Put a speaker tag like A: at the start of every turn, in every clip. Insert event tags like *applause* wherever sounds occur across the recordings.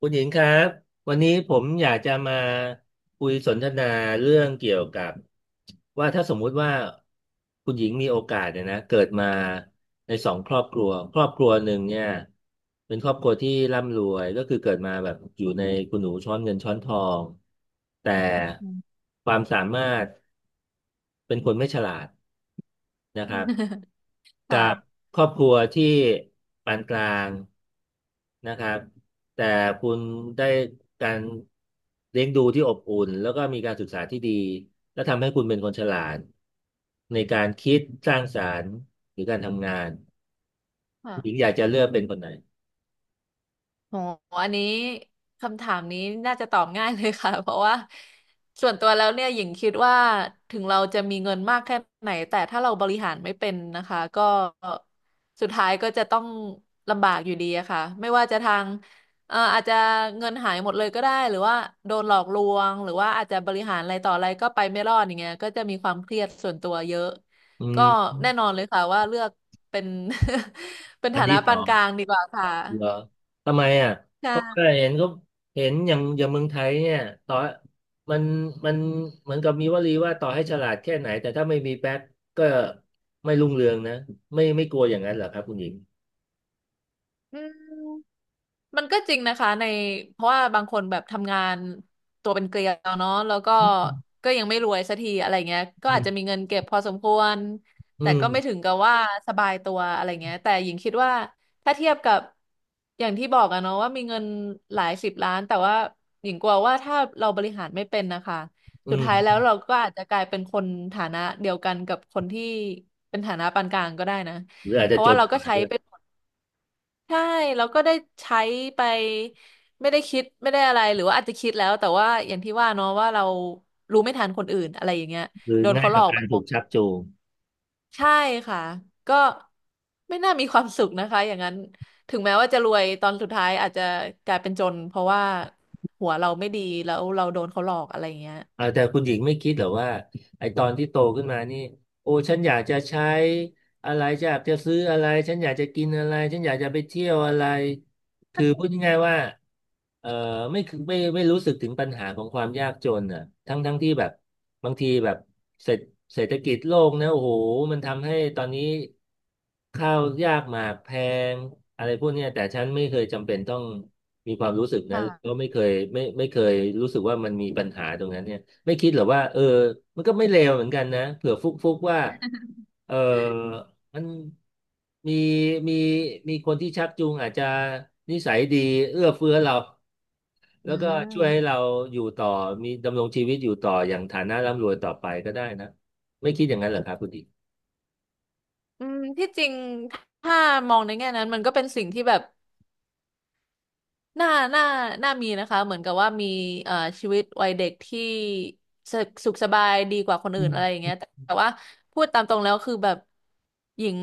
A: คุณหญิงครับวันนี้ผมอยากจะมาคุยสนทนาเรื่องเกี่ยวกับว่าถ้าสมมุติว่าคุณหญิงมีโอกาสเนี่ยนะเกิดมาในสองครอบครัวครอบครัวหนึ่งเนี่ยเป็นครอบครัวที่ร่ำรวยก็คือเกิดมาแบบอยู่ในคุณหนูช้อนเงินช้อนทองแต่
B: อืม
A: ความสามารถ เป็นคนไม่ฉลาดนะครับ
B: *laughs*
A: กับบ
B: ค่ะ
A: ครอบครัวที่ปานกลางนะครับแต่คุณได้การเลี้ยงดูที่อบอุ่นแล้วก็มีการศึกษาที่ดีและทำให้คุณเป็นคนฉลาดในการคิดสร้างสรรค์หรือการทำงาน
B: ค่ะ
A: หญิงอยากจะเลือกเป็นคนไหน
B: โหอันนี้คำถามนี้น่าจะตอบง่ายเลยค่ะ *laughs* เพราะว่าส่วนตัวแล้วเนี่ยหญิงคิดว่าถึงเราจะมีเงินมากแค่ไหนแต่ถ้าเราบริหารไม่เป็นนะคะก็สุดท้ายก็จะต้องลำบากอยู่ดีอะค่ะไม่ว่าจะทางอาจจะเงินหายหมดเลยก็ได้หรือว่าโดนหลอกลวงหรือว่าอาจจะบริหารอะไรต่ออะไรก็ไปไม่รอดอย่างเงี้ยก็จะมีความเครียดส่วนตัวเยอะ
A: อื
B: ก็
A: ม
B: แน่นอนเลยค่ะว่าเลือกเป็น *laughs* เป็น
A: อั
B: ฐา
A: น
B: นะ
A: ที่ส
B: ปา
A: อ
B: น
A: ง
B: กลางดีกว่าค่ะ
A: เหรอทำไมอ่ะ เพราะ
B: ใช่
A: ว่าเห็นก็เห็นอย่างเมืองไทยเนี่ยต่อมันมันเหมือนกับมีวลีว่าต่อให้ฉลาดแค่ไหนแต่ถ้าไม่มีแบ็คก็ไม่รุ่งเรืองนะไม่กลัวอย่างนั้นเหรอครับคุณหญิง
B: อืมมันก็จริงนะคะในเพราะว่าบางคนแบบทำงานตัวเป็นเกลียวเนาะแล้วก็ก็ยังไม่รวยสักทีอะไรเงี้ยก็
A: อื
B: อาจจะมี
A: ม
B: เงินเก็บพอสมควร
A: อื
B: แต่
A: ม
B: ก็ไม่ถึงกับว่าสบายตัวอะไรเงี้ยแต่หญิงคิดว่าถ้าเทียบกับอย่างที่บอกอะเนาะว่ามีเงินหลายสิบล้านแต่ว่าหญิงกลัวว่าถ้าเราบริหารไม่เป็นนะคะ
A: อื
B: สุดท้ายแล้
A: ม
B: วเราก็อาจจะกลายเป็นคนฐานะเดียวกันกับคนที่เป็นฐานะปานกลางก็ได้นะ
A: หรืออาจ
B: เพ
A: จะ
B: ราะ
A: จ
B: ว่า
A: น
B: เรา
A: ก
B: ก็
A: ว่า
B: ใช้
A: ด้วย
B: ไป ใช่แล้วก็ได้ใช้ไปไม่ได้คิดไม่ได้อะไรหรือว่าอาจจะคิดแล้วแต่ว่าอย่างที่ว่าเนาะว่าเรารู้ไม่ทันคนอื่นอะไรอย่างเงี้ย
A: คือ
B: โดน
A: ง่า
B: เขา
A: ย
B: หล
A: ต่
B: อ
A: อ
B: ก
A: กา
B: ไป
A: ร
B: หม
A: ถู
B: ด
A: กชักจูง
B: ใช่ค่ะก็ไม่น่ามีความสุขนะคะอย่างนั้นถึงแม้ว่าจะรวยตอนสุดท้ายอาจจะกลายเป็นจนเพราะว่าหัวเราไม่ดีแล้วเราโดนเขาหลอกอะไรอย่างเงี้ย
A: เออแต่คุณหญิงไม่คิดเหรอว่าไอตอนที่โตขึ้นมานี่โอ้ฉันอยากจะใช้อะไรจะอยากจะซื้ออะไรฉันอยากจะกินอะไรฉันอยากจะไปเที่ยวอะไรคือพูดง่ายๆว่าเออไม่คือไม่รู้สึกถึงปัญหาของความยากจนอ่ะทั้งที่แบบบางทีแบบเศรษฐเศรษฐกิจโลกนะโอ้โหมันทำให้ตอนนี้ข้าวยากหมากแพงอะไรพวกเนี้ยแต่ฉันไม่เคยจำเป็นต้องมีความรู้สึกนั้นก็ไม่เคยไม่เคยรู้สึกว่ามันมีปัญหาตรงนั้นเนี่ย ไม่คิดเหรอว่ามันก็ไม่เลวเหมือนกันนะเผื่อฟุกฟุกว่าเออมันมีมีมีคนที่ชักจูงอาจจะนิสัยดีเอื้อเฟื้อเรา
B: อื
A: แล้วก็ช่วยให้
B: ม
A: เราอยู่ต่อมีดำรงชีวิตอยู่ต่ออย่างฐานะร่ำรวยต่อไปก็ได้นะไม่คิดอย่างนั้นเหรอครับคุณดี
B: อืมที่จริงถ้ามองในแง่นั้นมันก็เป็นสิ่งที่แบบ น่าน่าน่ามีนะคะเหมือนกับว่ามีเอ่อชีวิตวัยเด็กที่สสุขสบายดีกว่าคน
A: อื
B: อื่นอะไรอ
A: ม
B: ย่างเงี้ยแต่แต่ว่าพูดตามตรงแล้วคือแบบหญิง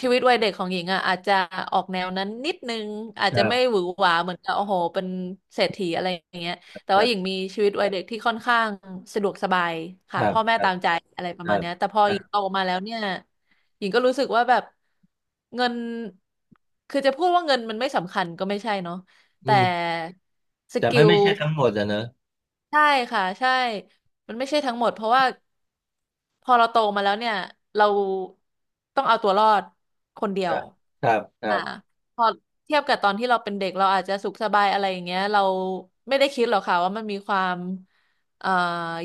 B: ชีวิตวัยเด็กของหญิงอ่ะอาจจะออกแนวนั้นนิดนึงอาจ
A: ค
B: จะ
A: รั
B: ไม่
A: บ
B: หวือหวาเหมือนกับโอ้โหเป็นเศรษฐีอะไรอย่างเงี้ยแต่
A: ค
B: ว่า
A: รั
B: หญิง
A: บ
B: มีชีวิตวัยเด็กที่ค่อนข้างสะดวกสบาย
A: ค
B: ค่ะ
A: รับ
B: พ่อแม่
A: ครั
B: ตา
A: บ
B: มใจอะไรป
A: ค
B: ระ
A: รั
B: มาณ
A: บ
B: เนี้ยแต่พอ
A: ครั
B: หญิงโต
A: บ
B: มาแล้วเนี่ยหญิงก็รู้สึกว่าแบบเงินคือจะพูดว่าเงินมันไม่สำคัญก็ไม่ใช่เนาะ
A: อื
B: แต่
A: ม
B: ส
A: แต่
B: กิ
A: ไม่
B: ล
A: ไม่ใช่ทั้งหมดอะเนอะ
B: ใช่ค่ะใช่มันไม่ใช่ทั้งหมดเพราะว่าพอเราโตมาแล้วเนี่ยเราต้องเอาตัวรอดคนเดีย
A: ค
B: ว
A: รับครับครั
B: อ่า
A: บ
B: พอเทียบกับตอนที่เราเป็นเด็กเราอาจจะสุขสบายอะไรอย่างเงี้ยเราไม่ได้คิดหรอกค่ะว่ามันมีความเอ่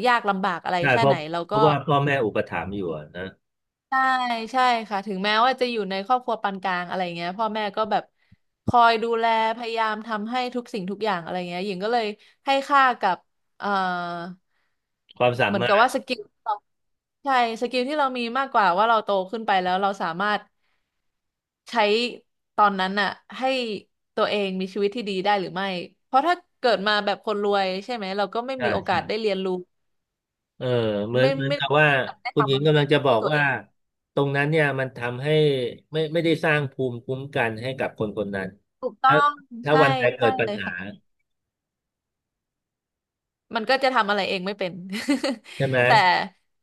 B: ยากลำบากอะไร
A: ใช่
B: แค่ไหนเรา
A: เพ
B: ก็
A: ราะว่าพ่อแม่อุปถัมภ์อยู่อะนะ
B: ใช่ใช่ค่ะถึงแม้ว่าจะอยู่ในครอบครัวปานกลางอะไรเงี้ยพ่อแม่ก็แบบคอยดูแลพยายามทำให้ทุกสิ่งทุกอย่างอะไรเงี้ยหญิงก็เลยให้ค่ากับเอ่อ
A: ความสา
B: เหมือน
A: มา
B: กับ
A: รถ
B: ว่าสกิลเราใช่สกิลที่เรามีมากกว่าว่าเราโตขึ้นไปแล้วเราสามารถใช้ตอนนั้นน่ะให้ตัวเองมีชีวิตที่ดีได้หรือไม่เพราะถ้าเกิดมาแบบคนรวยใช่ไหมเราก็ไม่
A: ใช่
B: มีโอกา
A: ใช่
B: สได้เรียนรู้
A: เออเหมือนเหมือน
B: ไม่
A: กั
B: ได้
A: บ
B: มี
A: ว่า
B: โอกาสได้
A: คุณห
B: ทำ
A: ญิ
B: อะ
A: ง
B: ไร
A: กำลังจะบ
B: ด้
A: อ
B: วย
A: ก
B: ตัวเอ
A: ว่า
B: ง
A: ตรงนั้นเนี่ยมันทำให้ไม่ได้สร้างภูมิคุ้มกันให้กับคนคนนั้น
B: ถูกต้อ
A: ถ้า
B: ง
A: ถ้า
B: ใช่
A: วันใดเกิ
B: ใช่
A: ดปั
B: เล
A: ญ
B: ย
A: หา
B: ค่ะมันก็จะทำอะไรเองไม่เป็น
A: ใช่ไหม
B: *laughs* แต่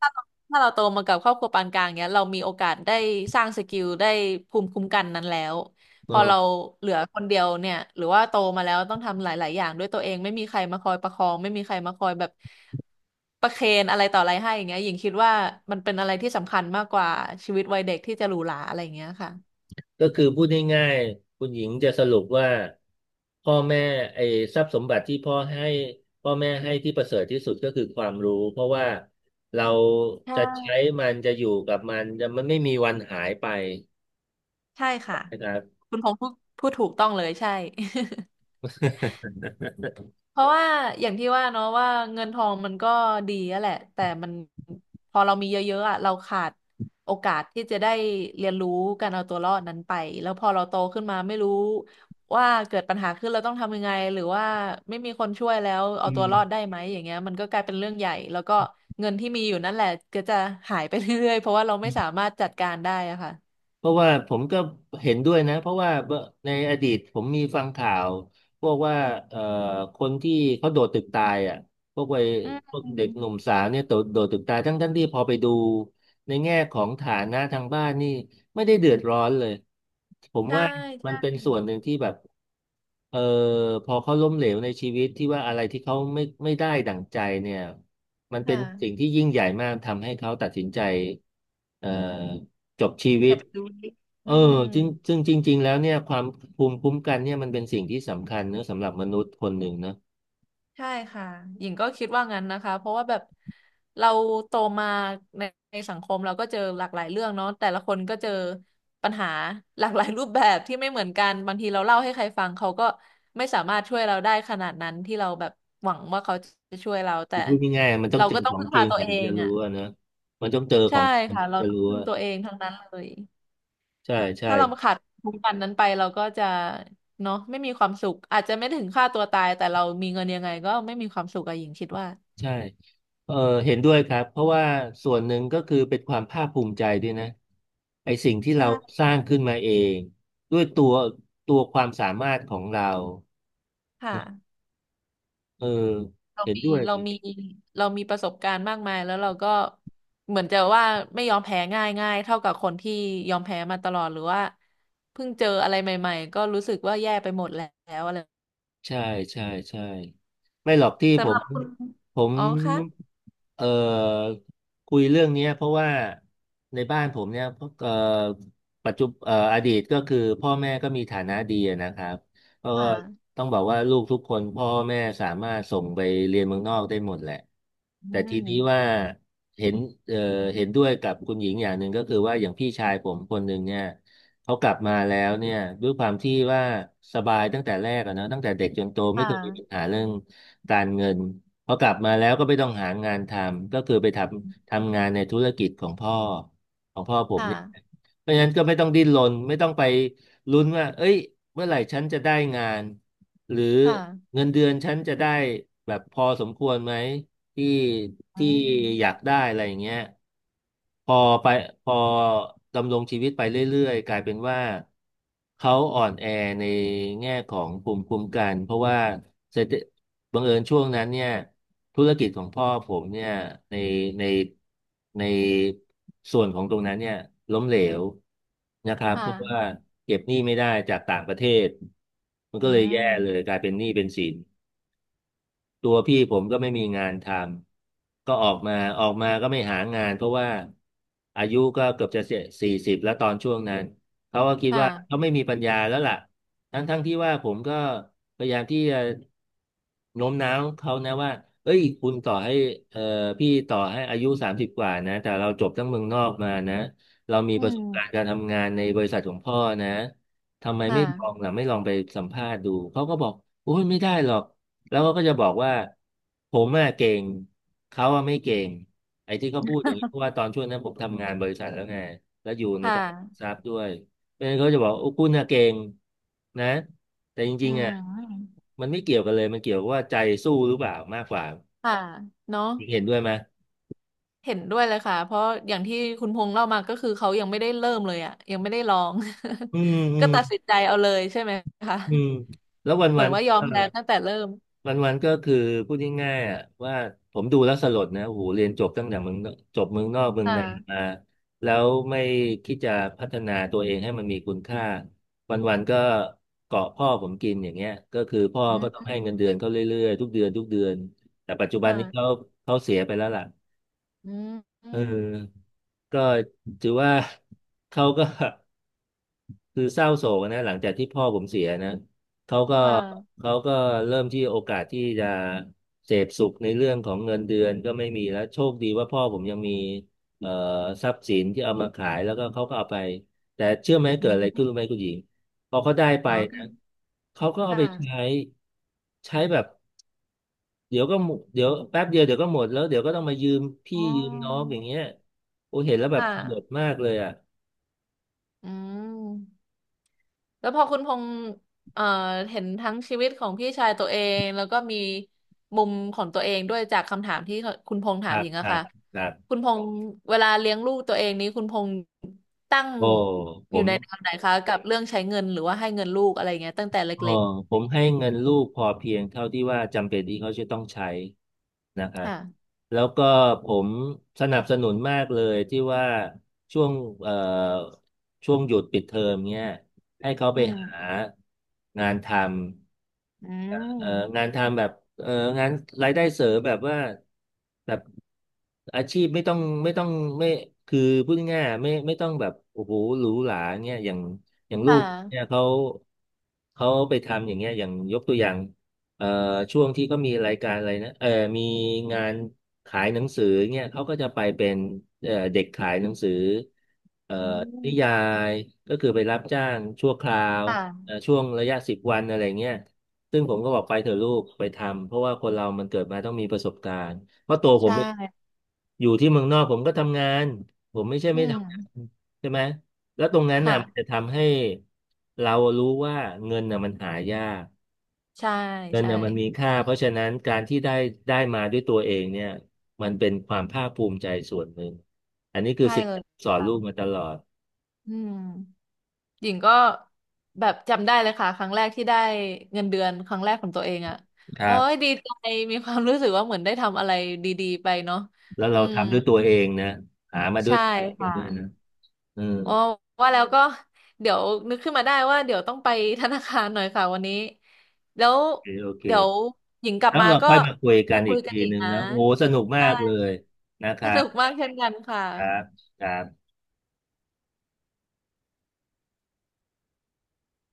B: ถ้าเราโตมากับครอบครัวปานกลางเนี้ยเรามีโอกาสได้สร้างสกิลได้ภูมิคุ้มกันนั้นแล้วพ
A: เอ
B: อ
A: อ
B: เราเหลือคนเดียวเนี่ยหรือว่าโตมาแล้วต้องทำหลาย ๆ อย่างด้วยตัวเองไม่มีใครมาคอยประคองไม่มีใครมาคอยแบบประเคนอะไรต่ออะไรให้อย่างเงี้ยหญิงคิดว่ามันเป็นอะไรที่สำคัญมากกว่าชีวิตวัยเด็กที่จะหรูหราอะไรอย่างเงี้ยค่ะ
A: ก็คือพูดง่ายๆคุณหญิงจะสรุปว่าพ่อแม่ไอ้ทรัพย์สมบัติที่พ่อให้พ่อแม่ให้ที่ประเสริฐที่สุดก็คือความรู้เพราะว่าเราจะ
B: ใช่
A: ใช้มันจะอยู่กับมันจะมันไม่มีวันหายไป
B: ใช่ค่ะ
A: นะครับ
B: คุณพงษ์พูดถูกต้องเลยใช่
A: *laughs*
B: เพราะว่าอย่างที่ว่าเนาะว่าเงินทองมันก็ดีอะแหละแต่มันพอเรามีเยอะๆอ่ะเราขาดโอกาสที่จะได้เรียนรู้การเอาตัวรอดนั้นไปแล้วพอเราโตขึ้นมาไม่รู้ว่าเกิดปัญหาขึ้นเราต้องทำยังไงหรือว่าไม่มีคนช่วยแล้วเอา
A: อื
B: ตัวรอด
A: ม
B: ได้ไหมอย่างเงี้ยมันก็กลายเป็นเรื่องใหญ่แล้วก็เงินที่มีอยู่นั่นแหละก็จะหายไปเรื่อยๆเพราะว่าเราไม่สามารถจัดการได้อะค่ะ
A: เพราะว่าผมก็เห็นด้วยนะเพราะว่าในอดีตผมมีฟังข่าวพวกว่าเอ่อคนที่เขาโดดตึกตายอ่ะพวกวัย
B: อื
A: พ
B: ม
A: วกเด็กหนุ่มสาวเนี่ยโดดตึกตายทั้งที่พอไปดูในแง่ของฐานะทางบ้านนี่ไม่ได้เดือดร้อนเลยผม
B: ใช่
A: ว่ามัน
B: ใช่
A: เป็นส่วนหนึ่งที่แบบเออพอเขาล้มเหลวในชีวิตที่ว่าอะไรที่เขาไม่ได้ดั่งใจเนี่ยมันเป็น
B: ค่ะ
A: สิ่งที่ยิ่งใหญ่มากทำให้เขาตัดสินใจเอ่อ จบชีวิ
B: จะ
A: ต
B: ไปดูดิ
A: เอ
B: อื
A: อ
B: ม
A: จริงซึ่งจริงๆ แล้วเนี่ยความภูมิคุ้มกันเนี่ยมันเป็นสิ่งที่สำคัญเนอะสำหรับมนุษย์คนหนึ่งเนอะ
B: ใช่ค่ะหญิงก็คิดว่างั้นนะคะเพราะว่าแบบเราโตมาในในสังคมเราก็เจอหลากหลายเรื่องเนาะแต่ละคนก็เจอปัญหาหลากหลายรูปแบบที่ไม่เหมือนกันบางทีเราเล่าให้ใครฟังเขาก็ไม่สามารถช่วยเราได้ขนาดนั้นที่เราแบบหวังว่าเขาจะช่วยเรา แต่
A: คือพูดง่ายๆมันต้อ
B: เรา
A: งเจอ
B: ก็ต้อ
A: ข
B: ง
A: อง
B: พึ่ง
A: จ
B: พา
A: ริง
B: ตัวเอ
A: ถึง
B: ง
A: จะรู้
B: อ่ะ
A: อะเนอะมันต้องเจอข
B: ใช่
A: องจริง
B: ค่ะ
A: ถึง
B: เรา
A: จะ
B: ต้อง
A: รู้
B: พึ่ง
A: อะ
B: ตัวเองทั้งนั้นเลย
A: ใช่ใช่
B: ถ้าเราขาดทุกวันนั้นไปเราก็จะเนาะไม่มีความสุขอาจจะไม่ถึงฆ่าตัวตายแต่เรามีเงินยังไงก็ไม่มีความสุขอะหญิงคิดว่า
A: ใช่เออเห็นด้วยครับเพราะว่าส่วนหนึ่งก็คือเป็นความภาคภูมิใจด้วยนะไอสิ่งที่เราส
B: ใช่
A: ร้างขึ้นมาเองด้วยตัวความสามารถของเรา
B: ค่ะ
A: เออ
B: เรา
A: เห็น
B: มี
A: ด้วย
B: เรามีเรามีประสบการณ์มากมายแล้วเราก็เหมือนจะว่าไม่ยอมแพ้ง่ายง่ายเท่ากับคนที่ยอมแพ้มาตลอดหรือว่าเพิ่งเจออะไรใหม่ๆก็รู้สึกว่าแย่ไปหมดแล้วอะไร
A: ใช่ใช่ใช่ไม่หรอกที่ผ
B: สำห
A: ม
B: รับคุณ
A: ผม
B: อ๋อค่ะ
A: เอ่อคุยเรื่องเนี้ยเพราะว่าในบ้านผมเนี่ยเอ่อปัจจุเอ่ออดีตก็คือพ่อแม่ก็มีฐานะดีอะนะครับก็
B: ค่ะ
A: ต้องบอกว่าลูกทุกคนพ่อแม่สามารถส่งไปเรียนเมืองนอกได้หมดแหละ
B: อื
A: แต่ทีนี้ว่า
B: ม
A: เห็นเอ่อเห็นด้วยกับคุณหญิงอย่างหนึ่งก็คือว่าอย่างพี่ชายผมคนหนึ่งเนี่ย เขากลับมาแล้วเนี่ยด้วยความที่ว่าสบายตั้งแต่แรกอะเนะตั้งแต่เด็กจนโตไม่
B: ค่
A: เคยมีปัญ
B: ะ
A: หาเรื่องการเงินพอกลับมาแล้วก็ไม่ต้องหางานทำก็คือไปทำงานในธุรกิจของพ่อของพ่อผม
B: ค่ะ
A: เนี่ยเพราะฉะนั้นก็ไม่ต้องดิ้นรนไม่ต้องไปลุ้นว่าเอ้ยเมื่อไหร่ฉันจะได้งานหรือ
B: ค่ะ
A: เงินเดือนฉันจะได้แบบพอสมควรไหม ที่
B: อื
A: ที่อยาก
B: ม
A: ได้อะไรอย่างเงี้ยพอไปพอดำรงชีวิตไปเรื่อยๆกลายเป็นว่าเขาอ่อนแอในแง่ของภูมิคุ้มกันเพราะว่าเศรษฐบังเอิญช่วงนั้นเนี่ยธุรกิจของพ่อผมเนี่ยในในในส่วนของตรงนั้นเนี่ยล้มเหลวนะครับ
B: ค่ะ
A: เพราะว่าเก็บหนี้ไม่ได้จากต่างประเทศมัน
B: อื
A: ก็เลยแย่เลย
B: ม
A: กลายเป็นหนี้เป็นสิน ตัวพี่ผมก็ไม่มีงานทำก็ออกมาก็ไม่หางานเพราะว่าอายุก็เกือบจะ40แล้วตอนช่วงนั้นเขาก็คิด
B: ค
A: ว่าเขา
B: ่ะ
A: ไม่มีปัญญาแล้วล่ะทั้งที่ว่าผมก็พยายามที่จะโน้มน้าวเขานะว่าเอ้ยคุณต่อให้เอ่อพี่ต่อให้อายุ30กว่านะแต่เราจบทั้งเมืองนอกมานะเรามี
B: อื
A: ประส
B: ม
A: บการณ์การทำงานในบริษัทของพ่อนะทำไม
B: ค่ะ
A: ไม่ลองล่ะไม่ลองไปสัมภาษณ์ดูเขาก็บอกโอ้ยไม่ได้หรอก แล้วเขาก็จะบอกว่าผมอะเก่งเขาอะไม่เก่งไอ้ที่เขาพูดอย่างนี้เพราะ
B: *laughs*
A: ว่าตอนช่วงนั้นผมทำงานบริษัทแล้วไงแล้วอยู่ใน
B: ค่
A: ตลาดหลักท
B: ะ
A: รัพย์ด้วยเพราะฉะนั้นเขาจะบอกโอ้คุณอะเก่งนะแต่จ
B: อื
A: ริงๆอะ
B: ม
A: มันไม่เกี่ยวกันเลยมันเกี่ยวกับว่าใจสู้หรือเปล่ามากกว่า
B: ค่ะเนาะ
A: เห็นด้วยไหม
B: เห็นด้วยเลยค่ะเพราะอย่างที่คุณพงษ์เล่ามาก็คือเขายังไม่ได้เริ่มเลยอ่ะยังไม่ได้ลอง
A: อืมอื
B: *laughs* ก็
A: ม
B: ตัดสินใจเอาเลยใช่ไหมคะ
A: อืมแล้ว
B: เหมื
A: วั
B: อน
A: น
B: ว่ายอมแพ้ตั้
A: ๆ
B: งแต่เริ่ม
A: วันวันก็คือพูดง่ายๆอ่ะว่าผมดูแล้วสลดนะโอ้โหเรียนจบตั้งแต่เมืองนอกจบเมืองนอกเมือง
B: ค่
A: นามา
B: ะ
A: แล้วไม่คิดจะพัฒนาตัวเองให้มันมีคุณค่าวันวันก็เกาะพ่อผมกินอย่างเงี้ยก็คือพ่อ
B: อื
A: ก็ต้อง
B: ม
A: ให้เงินเดือนเขาเรื่อยๆทุกเดือนทุกเดือนแต่ปัจจุบันนี้เขา
B: ค่ะ
A: เสียไปแล้วล่ะ
B: อืมอื
A: เ
B: ม
A: ออก็ถือว่าเขาก็ คือเศร้าโศกนะหลังจากที่พ่อผมเสียนะเขาก็
B: ค่ะ
A: เขาก็เริ่มที่โอกาสที่จะเสพสุขในเรื่องของเงินเดือนก็ไม่มีแล้วโชคดีว่าพ่อผมยังมีเอ่อทรัพย์สินที่เอามาขายแล้วก็เขาก็เอาไปแต่เชื่อไหม
B: อื
A: เกิดอะไร
B: ม
A: ขึ้นรู้ไหมคุณหญิงพอเขาได้ไป
B: อ๋อ
A: นะเขาก็เอา
B: ค่ะ
A: ไปใช้ใช้แบบเดี๋ยวก็หมดเดี๋ยวแป๊บเดียวเดี๋ยวก็หมดแล้วเดี๋ยวก็ต้องมายืมพี่
B: อ๋อ
A: ยืมน้องอย่างเงี้ยโอ้เห็นแล้วแบบ
B: ค่ะ
A: สลดมากเลยอ่ะ
B: อืม แล้วพอคุณพงษ์เอ่อเห็นทั้งชีวิตของพี่ชายตัวเองแล้วก็มีมุมของตัวเองด้วยจากคำถามที่คุณพงษ์ถาม
A: หั
B: ห
A: ก
B: ญิงอะ
A: หั
B: ค่ะ
A: กหัก
B: คุณพงษ์เวลาเลี้ยงลูกตัวเองนี้คุณพงษ์ตั้ง
A: โอ้ผ
B: อยู่
A: ม
B: ในแนวไหนคะกับเรื่องใช้เงินหรือว่าให้เงินลูกอะไรเงี้ยตั้งแต่
A: เออ
B: เล็ก
A: ผมให้เงินลูกพอเพียงเท่าที่ว่าจำเป็นที่เขาจะต้องใช้นะค
B: ๆ
A: รับ
B: ค่ะ
A: แล้วก็ผมสนับสนุนมากเลยที่ว่าช่วงเอ่อช่วงหยุดปิดเทอมเนี่ยให้เขาไป
B: อื
A: หา
B: ม
A: งานทำ
B: อื
A: เอ่อ
B: ม
A: งานทำแบบเอ่องานรายได้เสริมแบบว่าแบบอาชีพไม่ต้องไม่ต้องไม่คือพูดง่ายๆไม่ต้องแบบโอ้โหหรูหราเงี้ยอย่างลู
B: ค่ะ
A: กเนี่ยเขาไปทำอย่างเงี้ยอย่างยกตัวอย่างเอ่อช่วงที่เขามีรายการอะไรนะเออมีงานขายหนังสือเงี้ยเขาก็จะไปเป็นเด็กขายหนังสือเอ่อ
B: อื
A: นิยา
B: ม
A: ยก็คือไปรับจ้างชั่วคราว
B: ค่ะ
A: ช่วงระยะ10 วันอะไรเงี้ยซึ่งผมก็บอกไปเถอะลูกไปทำเพราะว่าคนเรามันเกิดมาต้องมีประสบการณ์เพราะตัวผ
B: ใช
A: มเอง
B: ่
A: อยู่ที่เมืองนอกผมก็ทำงานผมไม่ใช่
B: อื
A: ไม่
B: ม
A: ทำงานใช่ไหมแล้วตรงนั้นน่ะ
B: ค่ะ
A: มันจะทำให้เรารู้ว่าเงินน่ะมันหายาก
B: ใช่
A: เงิน
B: ใช่
A: น่ะมันมีค่าเพราะฉะนั้นการที่ได้มาด้วยตัวเองเนี่ยมันเป็นความภาคภูมิใจส่วนหนึ่งอันนี้คือ
B: ใช่
A: สิ่ง
B: เลย
A: ที่สอน
B: ค่ะ
A: ลูกมาตลอด
B: อืม หญิงก็แบบจำได้เลยค่ะครั้งแรกที่ได้เงินเดือนครั้งแรกของตัวเองอ่ะ
A: ครั
B: โอ้ย
A: บ
B: ดีใจมีความรู้สึกว่าเหมือนได้ทำอะไรดีๆไปเนาะ
A: แล้ว
B: อื
A: เรา
B: ม
A: ทำด้วยตัวเองนะหามาด้ว
B: ใช่
A: ยตัวเอง
B: ค่ะ
A: ด้วยนะ เออ
B: อ๋อว่าแล้วก็เดี๋ยวนึกขึ้นมาได้ว่าเดี๋ยวต้องไปธนาคารหน่อยค่ะวันนี้แล้ว
A: โอเคโอเค
B: เดี๋ยวหญิงกลับ
A: แล้ว
B: มา
A: เรา
B: ก็
A: ค่อยมาคุยกั
B: มา
A: น
B: คุ
A: อี
B: ย
A: ก
B: กัน
A: ที
B: อี
A: ห
B: ก
A: นึ่ง
B: นะ
A: นะโอ้สนุกมา
B: ใช่
A: กเลยนะค
B: ส
A: รับ
B: นุกมากเช่นกันค่ะ
A: ครับครับ